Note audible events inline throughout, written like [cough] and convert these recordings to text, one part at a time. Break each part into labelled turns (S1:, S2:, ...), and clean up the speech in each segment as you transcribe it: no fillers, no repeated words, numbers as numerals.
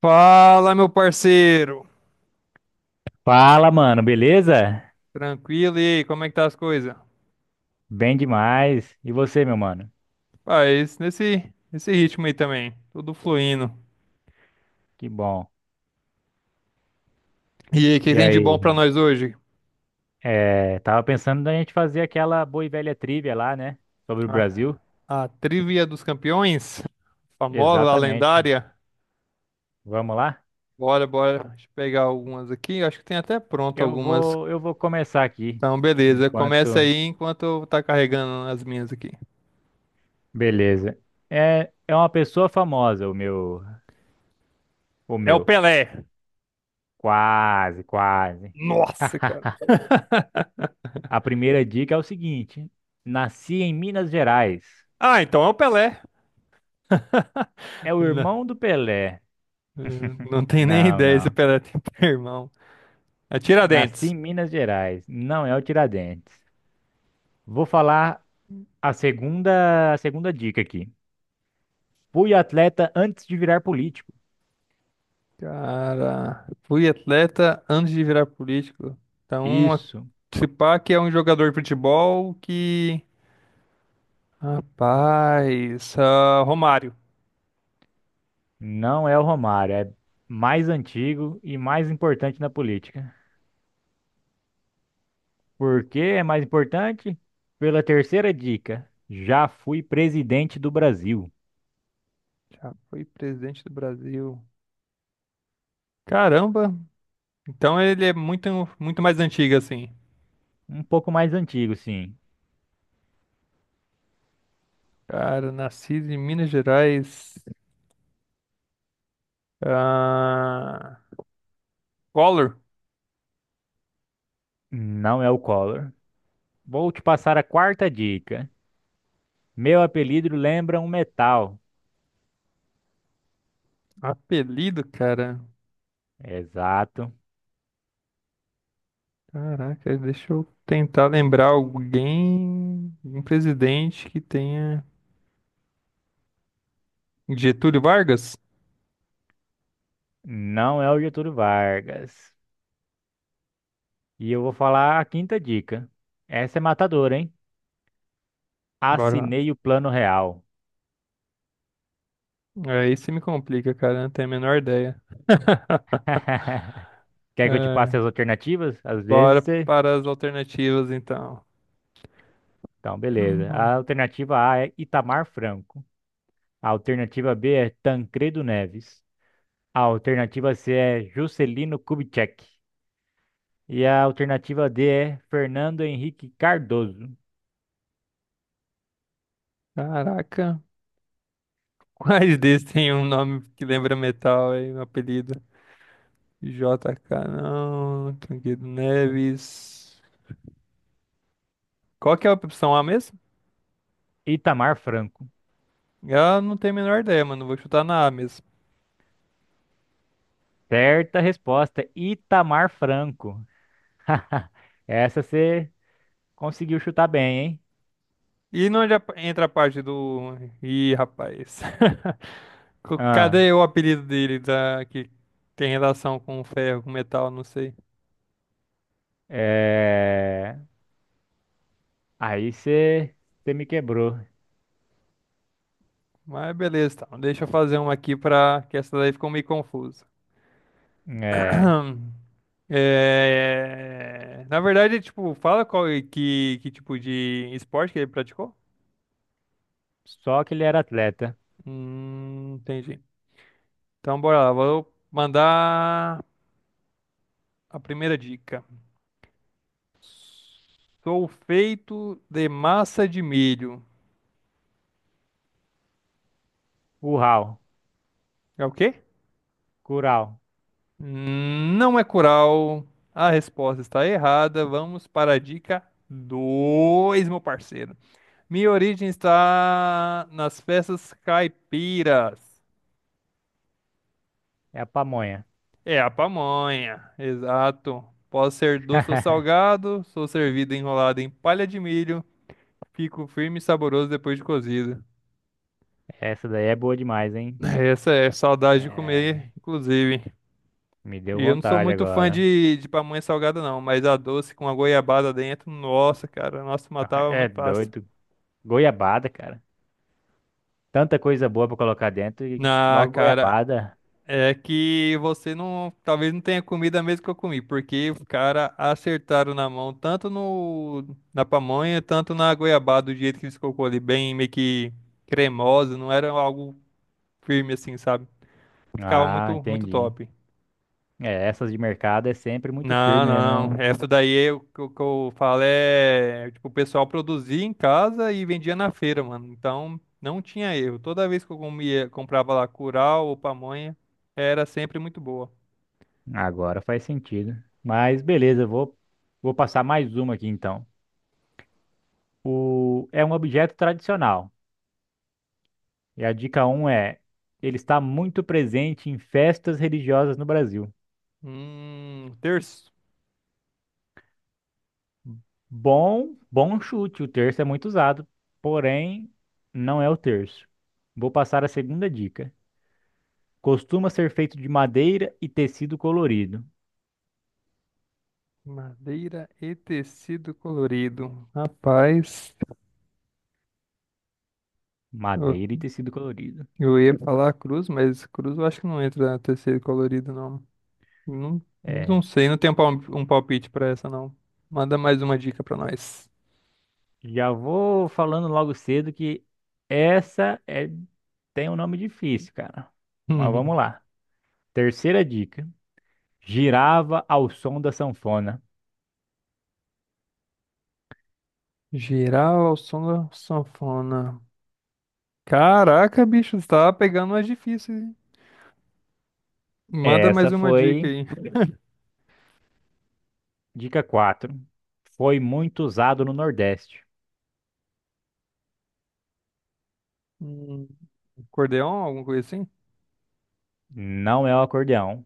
S1: Fala, meu parceiro.
S2: Fala, mano, beleza?
S1: Tranquilo, e aí, como é que tá as coisas? Ah,
S2: Bem demais. E você, meu mano?
S1: faz nesse ritmo aí também, tudo fluindo.
S2: Que bom.
S1: E aí, o que
S2: E
S1: tem de bom
S2: aí?
S1: pra nós hoje?
S2: Tava pensando da gente fazer aquela boa e velha trivia lá, né? Sobre o
S1: A,
S2: Brasil.
S1: a Trivia dos Campeões, famosa, a
S2: Exatamente.
S1: lendária.
S2: Vamos lá?
S1: Bora, bora, deixa eu pegar algumas aqui, acho que tem até pronto
S2: Eu
S1: algumas.
S2: vou, eu vou começar aqui.
S1: Então, beleza, começa
S2: Enquanto.
S1: aí enquanto eu tá carregando as minhas aqui.
S2: Beleza. É uma pessoa famosa, o meu. O
S1: É o
S2: meu.
S1: Pelé.
S2: Quase, quase.
S1: Nossa, cara.
S2: [laughs] A primeira dica é o seguinte: nasci em Minas Gerais.
S1: Ah, então é o Pelé. [laughs]
S2: É o irmão do Pelé.
S1: Não tem nem
S2: Não,
S1: ideia se o
S2: não.
S1: Pelé tem [laughs] irmão. É
S2: Nasci
S1: Tiradentes.
S2: em Minas Gerais. Não é o Tiradentes. Vou falar a segunda dica aqui. Fui atleta antes de virar político.
S1: Cara, fui atleta antes de virar político. Então,
S2: Isso.
S1: se pá que é um jogador de futebol que. Rapaz, ah, Romário.
S2: Não é o Romário. É mais antigo e mais importante na política. Por que é mais importante? Pela terceira dica. Já fui presidente do Brasil.
S1: Já foi presidente do Brasil. Caramba! Então ele é muito mais antigo, assim.
S2: Um pouco mais antigo, sim.
S1: Cara, nascido em Minas Gerais. Ah, Collor.
S2: Não é o Collor. Vou te passar a quarta dica. Meu apelido lembra um metal.
S1: Apelido, cara.
S2: Exato.
S1: Caraca, deixa eu tentar lembrar alguém, um presidente que tenha. Getúlio Vargas?
S2: Não é o Getúlio Vargas. E eu vou falar a quinta dica. Essa é matadora, hein?
S1: Bora lá.
S2: Assinei o plano real.
S1: Aí você me complica, cara. Eu Não tenho a menor ideia. [laughs]
S2: [laughs] Quer que eu te passe
S1: É,
S2: as alternativas? Às vezes
S1: bora
S2: você.
S1: para as alternativas, então.
S2: Então, beleza. A
S1: [clears throat]
S2: alternativa A é Itamar Franco. A alternativa B é Tancredo Neves. A alternativa C é Juscelino Kubitschek. E a alternativa D é Fernando Henrique Cardoso.
S1: Caraca. [laughs] Quais desses tem um nome que lembra metal aí, um apelido? JK, não. Tranquilo Neves. Qual que é a opção A mesmo?
S2: Itamar Franco.
S1: Eu não tenho a menor ideia, mano. Vou chutar na A mesmo.
S2: Certa resposta, Itamar Franco. [laughs] Essa você conseguiu chutar bem, hein?
S1: E não entra a parte do... Ih, rapaz. [laughs]
S2: Ah,
S1: Cadê o apelido dele que tem relação com ferro, com metal, não sei.
S2: é... Aí você me quebrou.
S1: Mas beleza, então. Deixa eu fazer uma aqui pra que essa daí ficou meio confusa.
S2: É...
S1: [clears throat] É, na verdade, tipo, fala que tipo de esporte que ele praticou?
S2: Só que ele era atleta.
S1: Entendi. Então bora lá, vou mandar a primeira dica. Sou feito de massa de milho.
S2: Uau,
S1: É o quê?
S2: curau,
S1: Não é coral. A resposta está errada. Vamos para a dica 2, meu parceiro. Minha origem está nas festas caipiras.
S2: é a pamonha.
S1: É a pamonha, exato. Posso ser doce ou
S2: [laughs]
S1: salgado, sou servido enrolado em palha de milho, fico firme e saboroso depois de cozido.
S2: Essa daí é boa demais,
S1: [laughs]
S2: hein?
S1: Essa é saudade de
S2: É...
S1: comer, inclusive.
S2: Me deu
S1: E eu não sou
S2: vontade
S1: muito fã
S2: agora.
S1: de pamonha salgada, não, mas a doce com a goiabada dentro, nossa, cara, nossa, matava
S2: É
S1: muito fácil.
S2: doido. Goiabada, cara. Tanta coisa boa pra colocar dentro e
S1: Na,
S2: logo
S1: cara,
S2: goiabada.
S1: é que você não, talvez não tenha comido a mesma que eu comi, porque os cara acertaram na mão, tanto no, na pamonha, tanto na goiabada, do jeito que eles colocou ali, bem meio que cremosa, não era algo firme assim, sabe? Ficava
S2: Ah,
S1: muito
S2: entendi.
S1: top.
S2: É, essas de mercado é sempre muito
S1: Não,
S2: firme, né?
S1: não,
S2: Não.
S1: não. Essa daí é o que eu falo é, tipo, o pessoal produzia em casa e vendia na feira, mano. Então, não tinha erro. Toda vez que eu comia, comprava lá curau ou pamonha, era sempre muito boa.
S2: Agora faz sentido. Mas beleza, vou passar mais uma aqui então. O, é um objeto tradicional. E a dica um é: ele está muito presente em festas religiosas no Brasil.
S1: Terço.
S2: Bom, bom chute, o terço é muito usado, porém não é o terço. Vou passar a segunda dica. Costuma ser feito de madeira e tecido colorido.
S1: Madeira e tecido colorido. Rapaz, eu,
S2: Madeira e tecido colorido.
S1: eu ia falar cruz, mas cruz eu acho que não entra na tecido colorido, não. Não,
S2: É,
S1: não sei, não tenho um palpite pra essa, não. Manda mais uma dica pra nós.
S2: Já vou falando logo cedo que essa é tem um nome difícil, cara. Mas vamos
S1: [laughs]
S2: lá. Terceira dica. Girava ao som da sanfona.
S1: Girar ao som da sanfona. Caraca, bicho, você tá pegando mais difícil, hein? Manda mais
S2: Essa
S1: uma dica
S2: foi
S1: aí.
S2: dica 4. Foi muito usado no Nordeste.
S1: Hum, acordeon, alguma coisa assim?
S2: Não é o acordeão.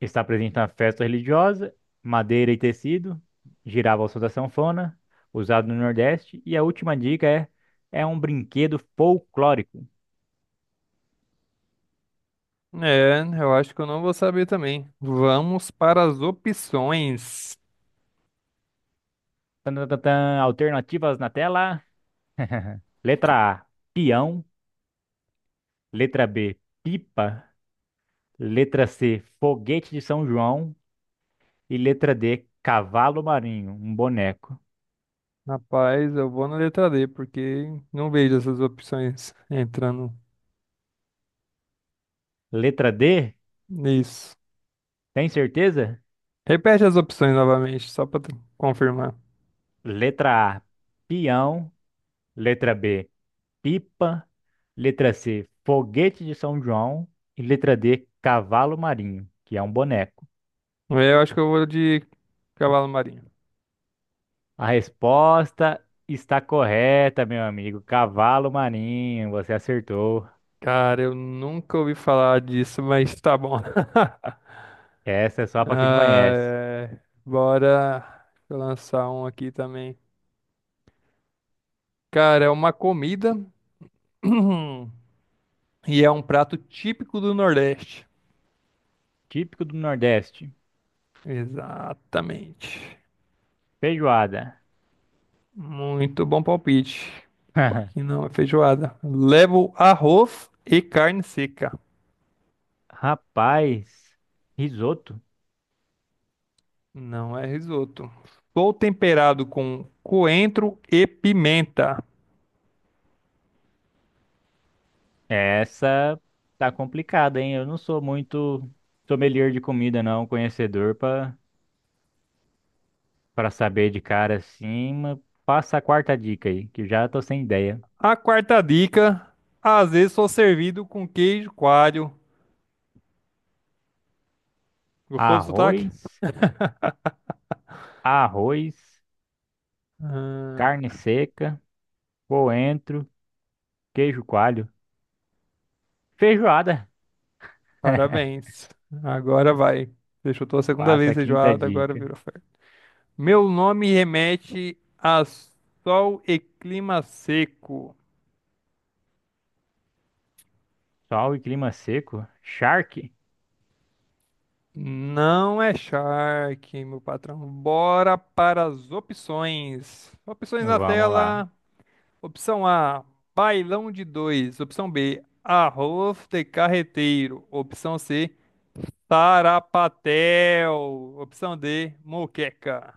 S2: Está presente na festa religiosa, madeira e tecido. Girava ao som da sanfona, usado no Nordeste. E a última dica é um brinquedo folclórico.
S1: É, eu acho que eu não vou saber também. Vamos para as opções.
S2: Tan, tan, tan, tan. Alternativas na tela. [laughs] Letra A, peão. Letra B, pipa. Letra C, foguete de São João. E letra D, cavalo marinho, um boneco.
S1: Rapaz, eu vou na letra D, porque não vejo essas opções entrando
S2: Letra D,
S1: nisso.
S2: tem certeza?
S1: Repete as opções novamente, só para confirmar.
S2: Letra A, peão. Letra B, pipa. Letra C, foguete de São João. E letra D, cavalo marinho, que é um boneco.
S1: É, eu acho que eu vou de cavalo marinho.
S2: A resposta está correta, meu amigo. Cavalo marinho, você acertou.
S1: Cara, eu nunca ouvi falar disso, mas tá bom. [laughs]
S2: Essa é só para quem
S1: Ah,
S2: conhece.
S1: é. Bora, deixa eu lançar um aqui também. Cara, é uma comida [clears throat] e é um prato típico do Nordeste.
S2: Típico do Nordeste.
S1: Exatamente.
S2: Feijoada.
S1: Muito bom palpite. Só que
S2: [laughs]
S1: não é feijoada. Levo arroz e carne seca.
S2: Rapaz, risoto.
S1: Não é risoto. Sou temperado com coentro e pimenta.
S2: Essa tá complicada, hein? Eu não sou muito sommelier de comida, não, conhecedor pra para saber de cara assim, mas passa a quarta dica aí, que já tô sem ideia.
S1: A quarta dica, às vezes sou servido com queijo coalho. Gostou do sotaque?
S2: Arroz, arroz, carne
S1: Ah,
S2: seca, coentro, queijo coalho. Feijoada. [laughs]
S1: parabéns. Agora vai. Você chutou a segunda
S2: Passa
S1: vez
S2: a quinta
S1: feijoada, agora
S2: dica.
S1: virou ferro. Meu nome remete a sol e clima seco.
S2: Sol e clima seco. Charque.
S1: Não é shark, meu patrão. Bora para as opções. Opções na
S2: Vamos lá.
S1: tela. Opção A, bailão de dois. Opção B, arroz de carreteiro. Opção C, tarapatel. Opção D, moqueca.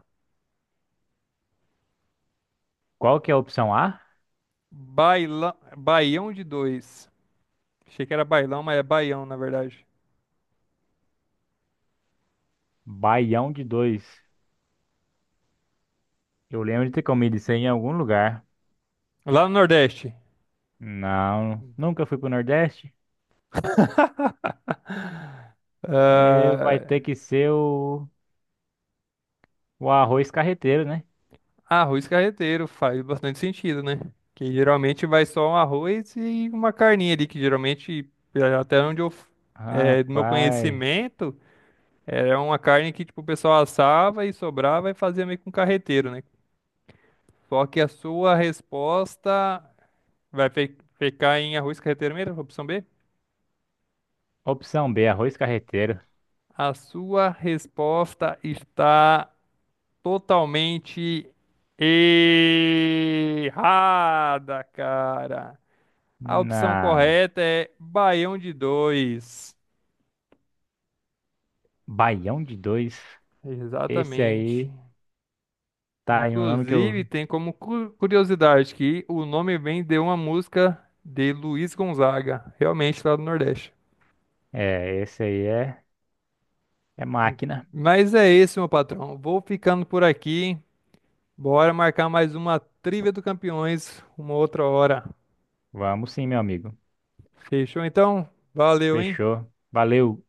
S2: Qual que é a opção A?
S1: Bailão, baião de dois. Achei que era bailão, mas é baião, na verdade.
S2: Baião de dois. Eu lembro de ter comido isso aí em algum lugar.
S1: Lá no Nordeste.
S2: Não, nunca fui pro Nordeste. É, vai ter
S1: Ah,
S2: que ser o arroz carreteiro, né?
S1: arroz carreteiro faz bastante sentido, né? Que geralmente vai só um arroz e uma carninha ali, que geralmente, até onde é, do meu
S2: Rapaz.
S1: conhecimento, era uma carne que tipo, o pessoal assava e sobrava e fazia meio com carreteiro, né? Só que a sua resposta vai ficar em arroz carreteiro mesmo, opção B?
S2: Opção B, arroz carreteiro.
S1: A sua resposta está totalmente errada, cara. A
S2: Na
S1: opção correta é baião de dois.
S2: Baião de dois. Esse
S1: Exatamente.
S2: aí tá aí um nome que eu.
S1: Inclusive, tem como curiosidade que o nome vem de uma música de Luiz Gonzaga, realmente lá do Nordeste.
S2: Esse aí é máquina.
S1: Mas é isso, meu patrão. Vou ficando por aqui. Bora marcar mais uma Trivia do Campeões uma outra hora.
S2: Vamos sim, meu amigo.
S1: Fechou então? Valeu, hein?
S2: Fechou. Valeu.